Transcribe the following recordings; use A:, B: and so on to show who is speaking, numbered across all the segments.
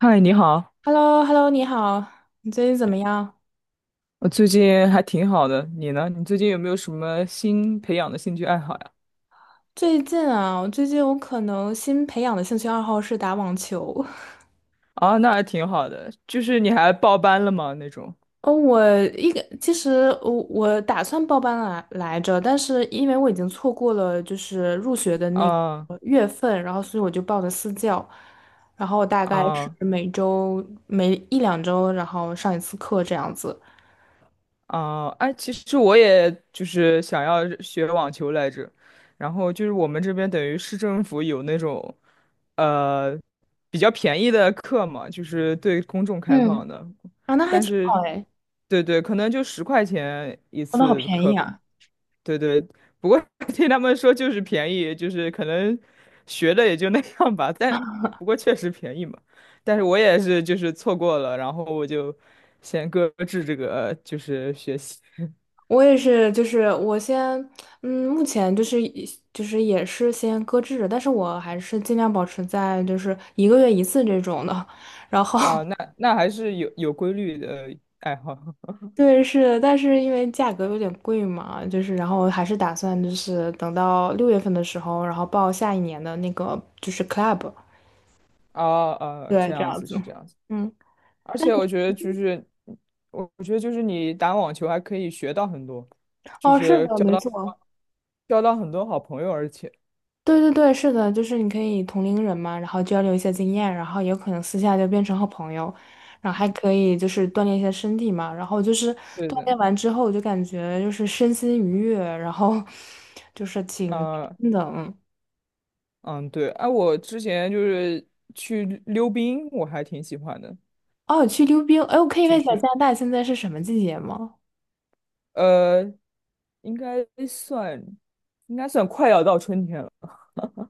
A: 嗨，你好，
B: h e l l o hello 你好，你最近怎么样？
A: 我最近还挺好的，你呢？你最近有没有什么新培养的兴趣爱好呀？
B: 最近啊，我最近可能新培养的兴趣爱好是打网球。
A: 啊，那还挺好的，就是你还报班了吗？那种？
B: 哦，我一个其实我我打算报班来着，但是因为我已经错过了就是入学的那个
A: 啊
B: 月份，然后所以我就报的私教，然后大概是
A: 啊
B: 每周每一两周，然后上一次课这样子。
A: 啊！哎，其实我也就是想要学网球来着，然后就是我们这边等于市政府有那种，呃，比较便宜的课嘛，就是对公众开
B: 嗯，
A: 放的，
B: 啊，那还
A: 但
B: 挺
A: 是，
B: 好哎。
A: 对对，可能就10块钱一
B: 哦，那好
A: 次
B: 便
A: 课
B: 宜
A: 吧。
B: 啊。
A: 对对，不过 听他们说就是便宜，就是可能学的也就那样吧，但不过确实便宜嘛。但是我也是就是错过了，然后我就先搁置这个就是学习
B: 我也是，就是我先，嗯，目前就是以就是也是先搁置着，但是我还是尽量保持在就是1个月1次这种的，然后
A: 啊，那还是有规律的爱好
B: 对是，但是因为价格有点贵嘛，就是然后还是打算就是等到6月份的时候，然后报下一年的那个就是 club。
A: 啊啊，
B: 对，
A: 这
B: 这
A: 样
B: 样
A: 子
B: 子，
A: 是这样子。
B: 嗯。
A: 而
B: 但
A: 且
B: 是
A: 我觉得就是我觉得就是你打网球还可以学到很多，就
B: 哦是
A: 是
B: 的，
A: 交
B: 没
A: 到
B: 错。
A: 交到很多好朋友，而且
B: 对对对，是的，就是你可以同龄人嘛，然后交流一些经验，然后有可能私下就变成好朋友，然后还可以就是锻炼一些身体嘛，然后就是
A: 对
B: 锻
A: 的。
B: 炼完之后，我就感觉就是身心愉悦，然后 就是挺
A: 啊、
B: 真的，嗯。
A: 嗯，对，哎、我之前就是去溜冰，我还挺喜欢的，
B: 哦，去溜冰，哎，我可以
A: 就
B: 问一下
A: 是
B: 加拿大现在是什么季节吗？
A: 呃，应该算应该算快要到春天了，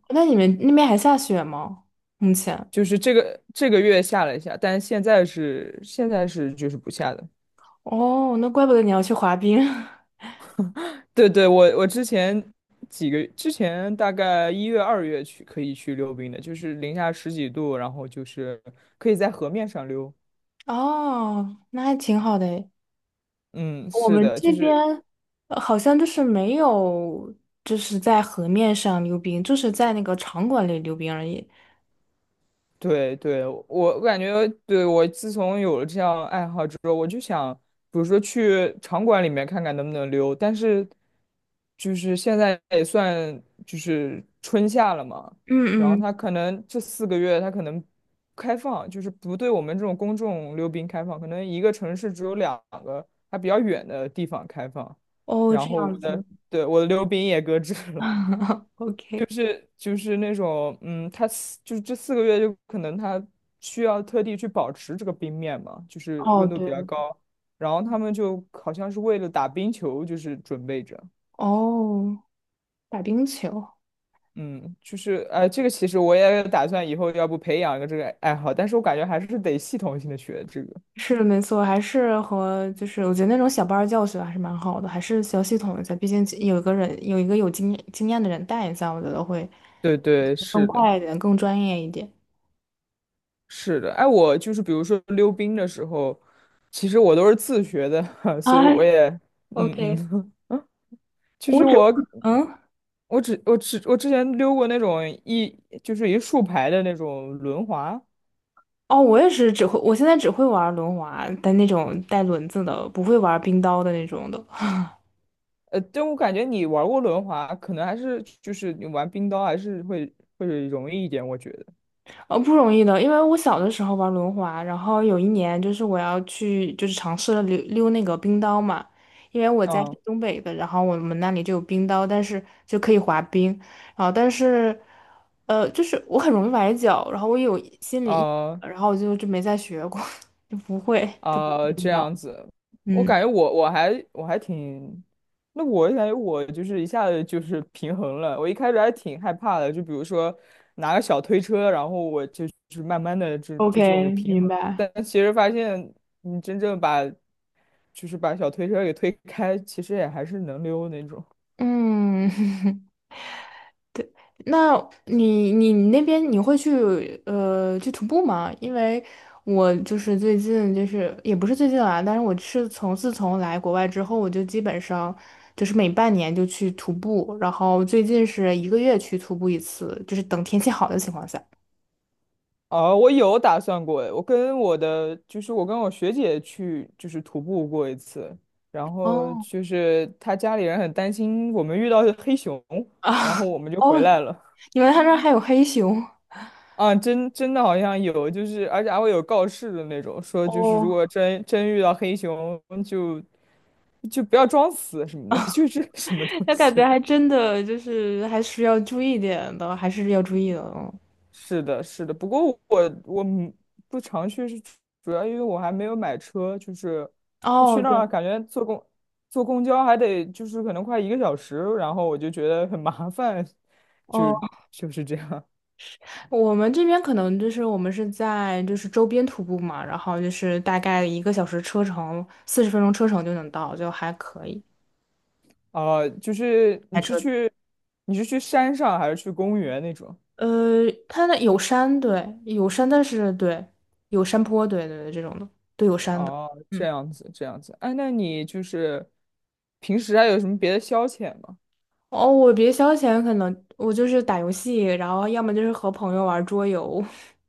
B: 那你们那边还下雪吗？目前？
A: 就是这个月下了一下，但现在是就是不下的。
B: 哦，那怪不得你要去滑冰。
A: 对对，我之前大概1月2月去可以去溜冰的，就是零下十几度，然后就是可以在河面上溜。
B: 哦，那还挺好的。
A: 嗯，
B: 我
A: 是
B: 们
A: 的，就
B: 这边
A: 是
B: 好像就是没有，就是在河面上溜冰，就是在那个场馆里溜冰而已。
A: 对对，我感觉，对，我自从有了这样爱好之后，我就想，比如说去场馆里面看看能不能溜，但是就是现在也算就是春夏了嘛，
B: 嗯
A: 然后
B: 嗯。
A: 它可能这四个月它可能开放，就是不对我们这种公众溜冰开放，可能一个城市只有两个还比较远的地方开放，
B: 哦，
A: 然
B: 这
A: 后
B: 样子。
A: 对，我的溜冰也搁置了。
B: ，OK。
A: 是就是那种，嗯，他四就是这四个月就可能他需要特地去保持这个冰面嘛，就是
B: 哦，
A: 温度比较
B: 对。
A: 高，然后他们就好像是为了打冰球，就是准备着，
B: 哦，打冰球
A: 嗯，就是哎、这个其实我也打算以后要不培养一个这个爱好，但是我感觉还是得系统性的学这个。
B: 是的，没错，还是和就是我觉得那种小班儿教学还是蛮好的，还是需要系统一下，毕竟有一个人有一个有经经验的人带一下，我觉得会
A: 对对，
B: 更
A: 是的，
B: 快一点，更专业一点。
A: 是的，哎，我就是比如说溜冰的时候，其实我都是自学的，所以我
B: 哎
A: 也，嗯
B: ，OK，
A: 嗯。其实
B: 我只会
A: 我
B: 嗯。
A: 我只我只我之前溜过那种一就是一竖排的那种轮滑，
B: 哦，我也是只会，我现在只会玩轮滑，但那种带轮子的，不会玩冰刀的那种的。
A: 但我感觉你玩过轮滑，可能还是就是你玩冰刀还是会容易一点，我觉得。
B: 不容易的。因为我小的时候玩轮滑，然后有一年就是我要去，就是尝试了溜溜那个冰刀嘛，因为我家是
A: 嗯
B: 东北的，然后我们那里就有冰刀，但是就可以滑冰，然后但是，就是我很容易崴脚，然后我有心理阴影，
A: 嗯
B: 然后我就没再学过，就不会，就不会
A: 啊、
B: 冰
A: 这
B: 刀。
A: 样子，我
B: 嗯
A: 感觉我还挺，那我感觉我就是一下子就是平衡了。我一开始还挺害怕的，就比如说拿个小推车，然后我就是慢慢的就这种有
B: ，OK，
A: 平
B: 明
A: 衡。
B: 白。
A: 但其实发现你真正把就是把小推车给推开，其实也还是能溜那种。
B: 嗯。那你那边你会去去徒步吗？因为我就是最近就是也不是最近啊，但是我是从自从来国外之后，我就基本上就是每半年就去徒步，然后最近是一个月去徒步一次，就是等天气好的情况下。
A: 啊，我有打算过诶，我跟我学姐去就是徒步过一次，然后
B: 哦
A: 就是她家里人很担心我们遇到黑熊，然
B: 啊。
A: 后我们 就回
B: 哦，
A: 来了。
B: 你们他那儿 还有黑熊。
A: 啊，真的好像有，就是而且还会有告示的那种，说就是如
B: 哦
A: 果真遇到黑熊就不要装死什么的，就是什么 东
B: 那
A: 西。
B: 感觉还真的就是还是要注意点的，还是要注意的。嗯。
A: 是的，是的。不过我不常去，是主要因为我还没有买车，就是我去
B: 哦，
A: 那
B: 对。
A: 儿感觉坐公交还得就是可能快1个小时，然后我就觉得很麻烦，就
B: 哦。
A: 就是这样。
B: 我们这边可能就是我们是在就是周边徒步嘛，然后就是大概1个小时车程，40分钟车程就能到，就还可以。
A: 啊。就是你
B: 开
A: 是
B: 车，
A: 去你是去山上还是去公园那种？
B: 呃，它那有山，对，有山，但是对，有山坡，对对对，这种的，都有山的。
A: 哦，这
B: 嗯。
A: 样子，这样子。哎，那你就是平时还有什么别的消遣吗？
B: 哦，我别消遣，可能我就是打游戏，然后要么就是和朋友玩桌游。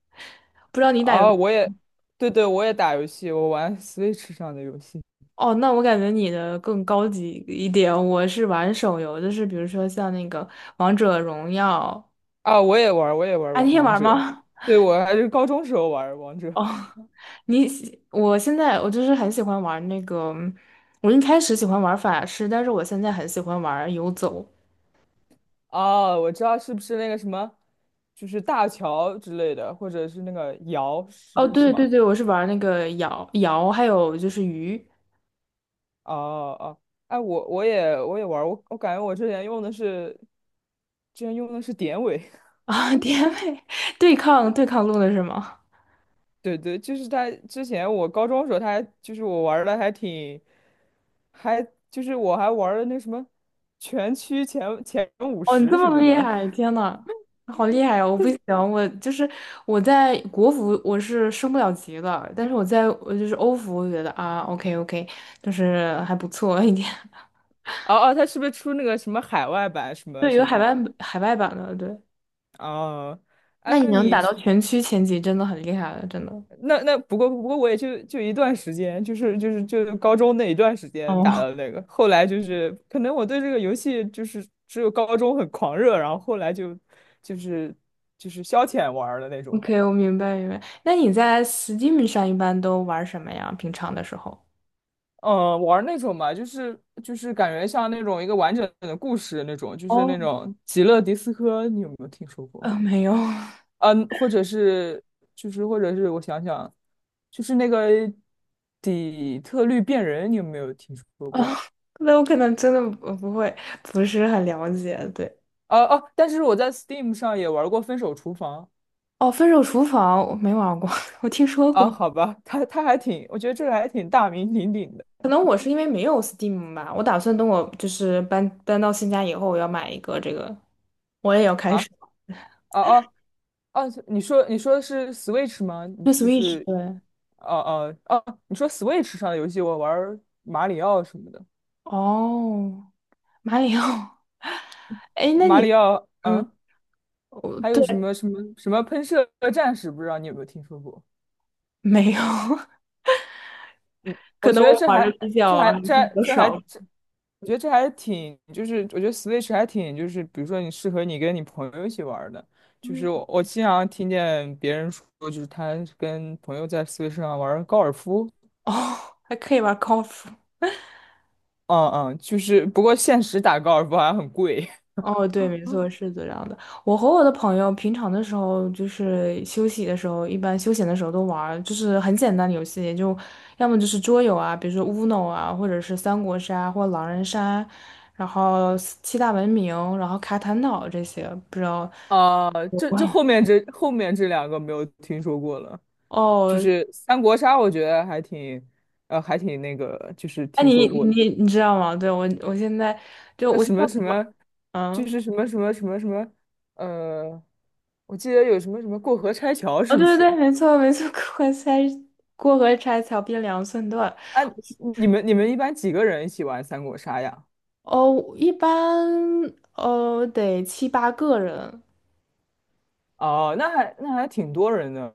B: 不知道你打游，
A: 啊，对对，我也打游戏，我玩 Switch 上的游戏。
B: 哦，那我感觉你的更高级一点。我是玩手游，就是比如说像那个《王者荣耀》。
A: 啊，我也玩儿
B: 啊，
A: 王
B: 你也
A: 王
B: 玩
A: 者。
B: 吗？
A: 对，我还是高中时候玩儿王 者。
B: 哦，你喜，我现在我就是很喜欢玩那个，我一开始喜欢玩法师，但是我现在很喜欢玩游走。
A: 啊，我知道是不是那个什么，就是大乔之类的，或者是那个瑶，
B: 哦，
A: 是是
B: 对
A: 吗？
B: 对对，我是玩那个瑶瑶，还有就是鱼
A: 哦哦，哎，我也玩儿，我感觉我之前用的是，之前用的是典韦。
B: 啊，甜美对抗对抗路的是吗？
A: 对对，就是他之前我高中的时候他还就是我玩的还挺，还就是我还玩了那什么全区前五
B: 哦，你这
A: 十什
B: 么
A: 么
B: 厉
A: 的，
B: 害，天呐，好厉害哦！我不行，我就是我在国服我是升不了级的，但是我在我就是欧服，我觉得啊，OK OK，就是还不错一点。
A: 哦哦，他是不是出那个什么海外版什么
B: 对，
A: 什
B: 有海
A: 么？
B: 外海外版的，对。
A: 哦，哎，
B: 那你
A: 那
B: 能
A: 你
B: 打到全区前几，真的很厉害了，真的。
A: 那那不过我也就一段时间，就是高中那一段时间打
B: 哦
A: 的那个，后来就是可能我对这个游戏就是只有高中很狂热，然后后来就是就是消遣玩儿的那 种吧。
B: ，OK，我明白明白。那你在 Steam 上一般都玩什么呀？平常的时候？
A: 嗯，玩儿那种吧，就是感觉像那种一个完整的故事那种，就是
B: 哦，
A: 那种极乐迪斯科，你有没有听说过？
B: 没有。哦
A: 嗯，或者是我想想。就是那个底特律变人，你有没有听说过？
B: 那我可能真的不不会，不是很了解。对。
A: 哦、哦、但是我在 Steam 上也玩过《分手厨房》
B: 哦，《分手厨房》我没玩过，我听说
A: 啊，
B: 过。
A: 好吧，它还挺，我觉得这个还挺大名鼎鼎的
B: 可能我是因为没有 Steam 吧，我打算等我就是搬搬到新家以后，我要买一个这个，我也要开
A: 啊
B: 始。
A: 哦哦哦，你说的是 Switch 吗？你
B: 对
A: 就
B: Switch，
A: 是
B: 对。
A: 哦哦哦，你说 Switch 上的游戏，我玩马里奥什么的，
B: 哦，马里奥。哎，那
A: 马
B: 你，
A: 里奥
B: 嗯，我
A: 还有
B: 对，
A: 什么什么什么喷射战士，不知道你有没有听说过？
B: 没有。
A: 我
B: 可能
A: 觉得
B: 我
A: 这
B: 玩的
A: 还
B: 比
A: 这
B: 较
A: 还
B: 还是
A: 这
B: 比
A: 还
B: 较
A: 这还
B: 少。
A: 这，我觉得这还挺，就是我觉得 Switch 还挺，就是比如说你适合你跟你朋友一起玩儿的，就是
B: 嗯。
A: 我经常听见别人说，就是他跟朋友在 Switch 上玩儿高尔夫，
B: 哦，还可以玩 colf
A: 嗯嗯，就是不过现实打高尔夫好像很贵，
B: 哦，对，没错，是这样的。我和我的朋友平常的时候，就是休息的时候，一般休闲的时候都玩儿，就是很简单的游戏，就要么就是桌游啊，比如说 Uno 啊，或者是三国杀或狼人杀，然后七大文明，然后卡坦岛这些，不知道。
A: 啊，这后 面这后面这两个没有听说过了，就
B: 哦，
A: 是三国杀，我觉得还挺，还挺那个，就是
B: 哎，
A: 听
B: 你
A: 说过。
B: 你你知道吗？对，我我现在就
A: 那
B: 我现
A: 什
B: 在
A: 么什
B: 玩，
A: 么，就
B: 嗯。
A: 是什么什么什么什么，呃，我记得有什么什么过河拆桥，
B: 哦，
A: 是不
B: 对对对，
A: 是？
B: 没错没错，过河拆桥变两寸断。
A: 啊，你们一般几个人一起玩三国杀呀？
B: 哦，一般哦得7、8个人。
A: 哦，那还挺多人的。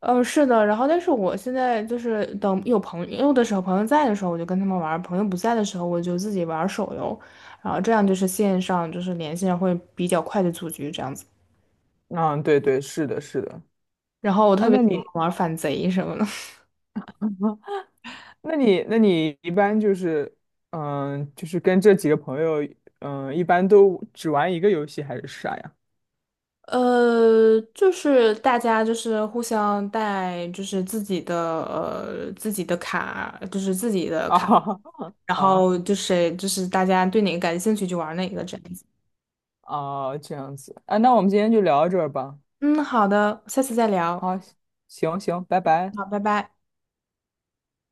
B: 嗯，是的，然后但是我现在就是等有朋友的时候，朋友在的时候我就跟他们玩儿，朋友不在的时候我就自己玩儿手游，然后这样就是线上就是连线会比较快的组局这样子。
A: 嗯，对对，是的，是的。
B: 然后我
A: 啊，
B: 特别
A: 那
B: 喜欢
A: 你
B: 玩儿反贼什么的。
A: 那你一般就是，就是跟这几个朋友，一般都只玩一个游戏还是啥呀？
B: 就是大家就是互相带，就是自己的自己的卡，就是自己的卡，
A: 啊，
B: 然
A: 哦
B: 后就是就是大家对哪个感兴趣就玩哪个这样子。
A: 哦，这样子啊，那我们今天就聊到这儿吧。
B: 嗯，好的，下次再聊。
A: 好，行行，拜拜。
B: 好，拜拜。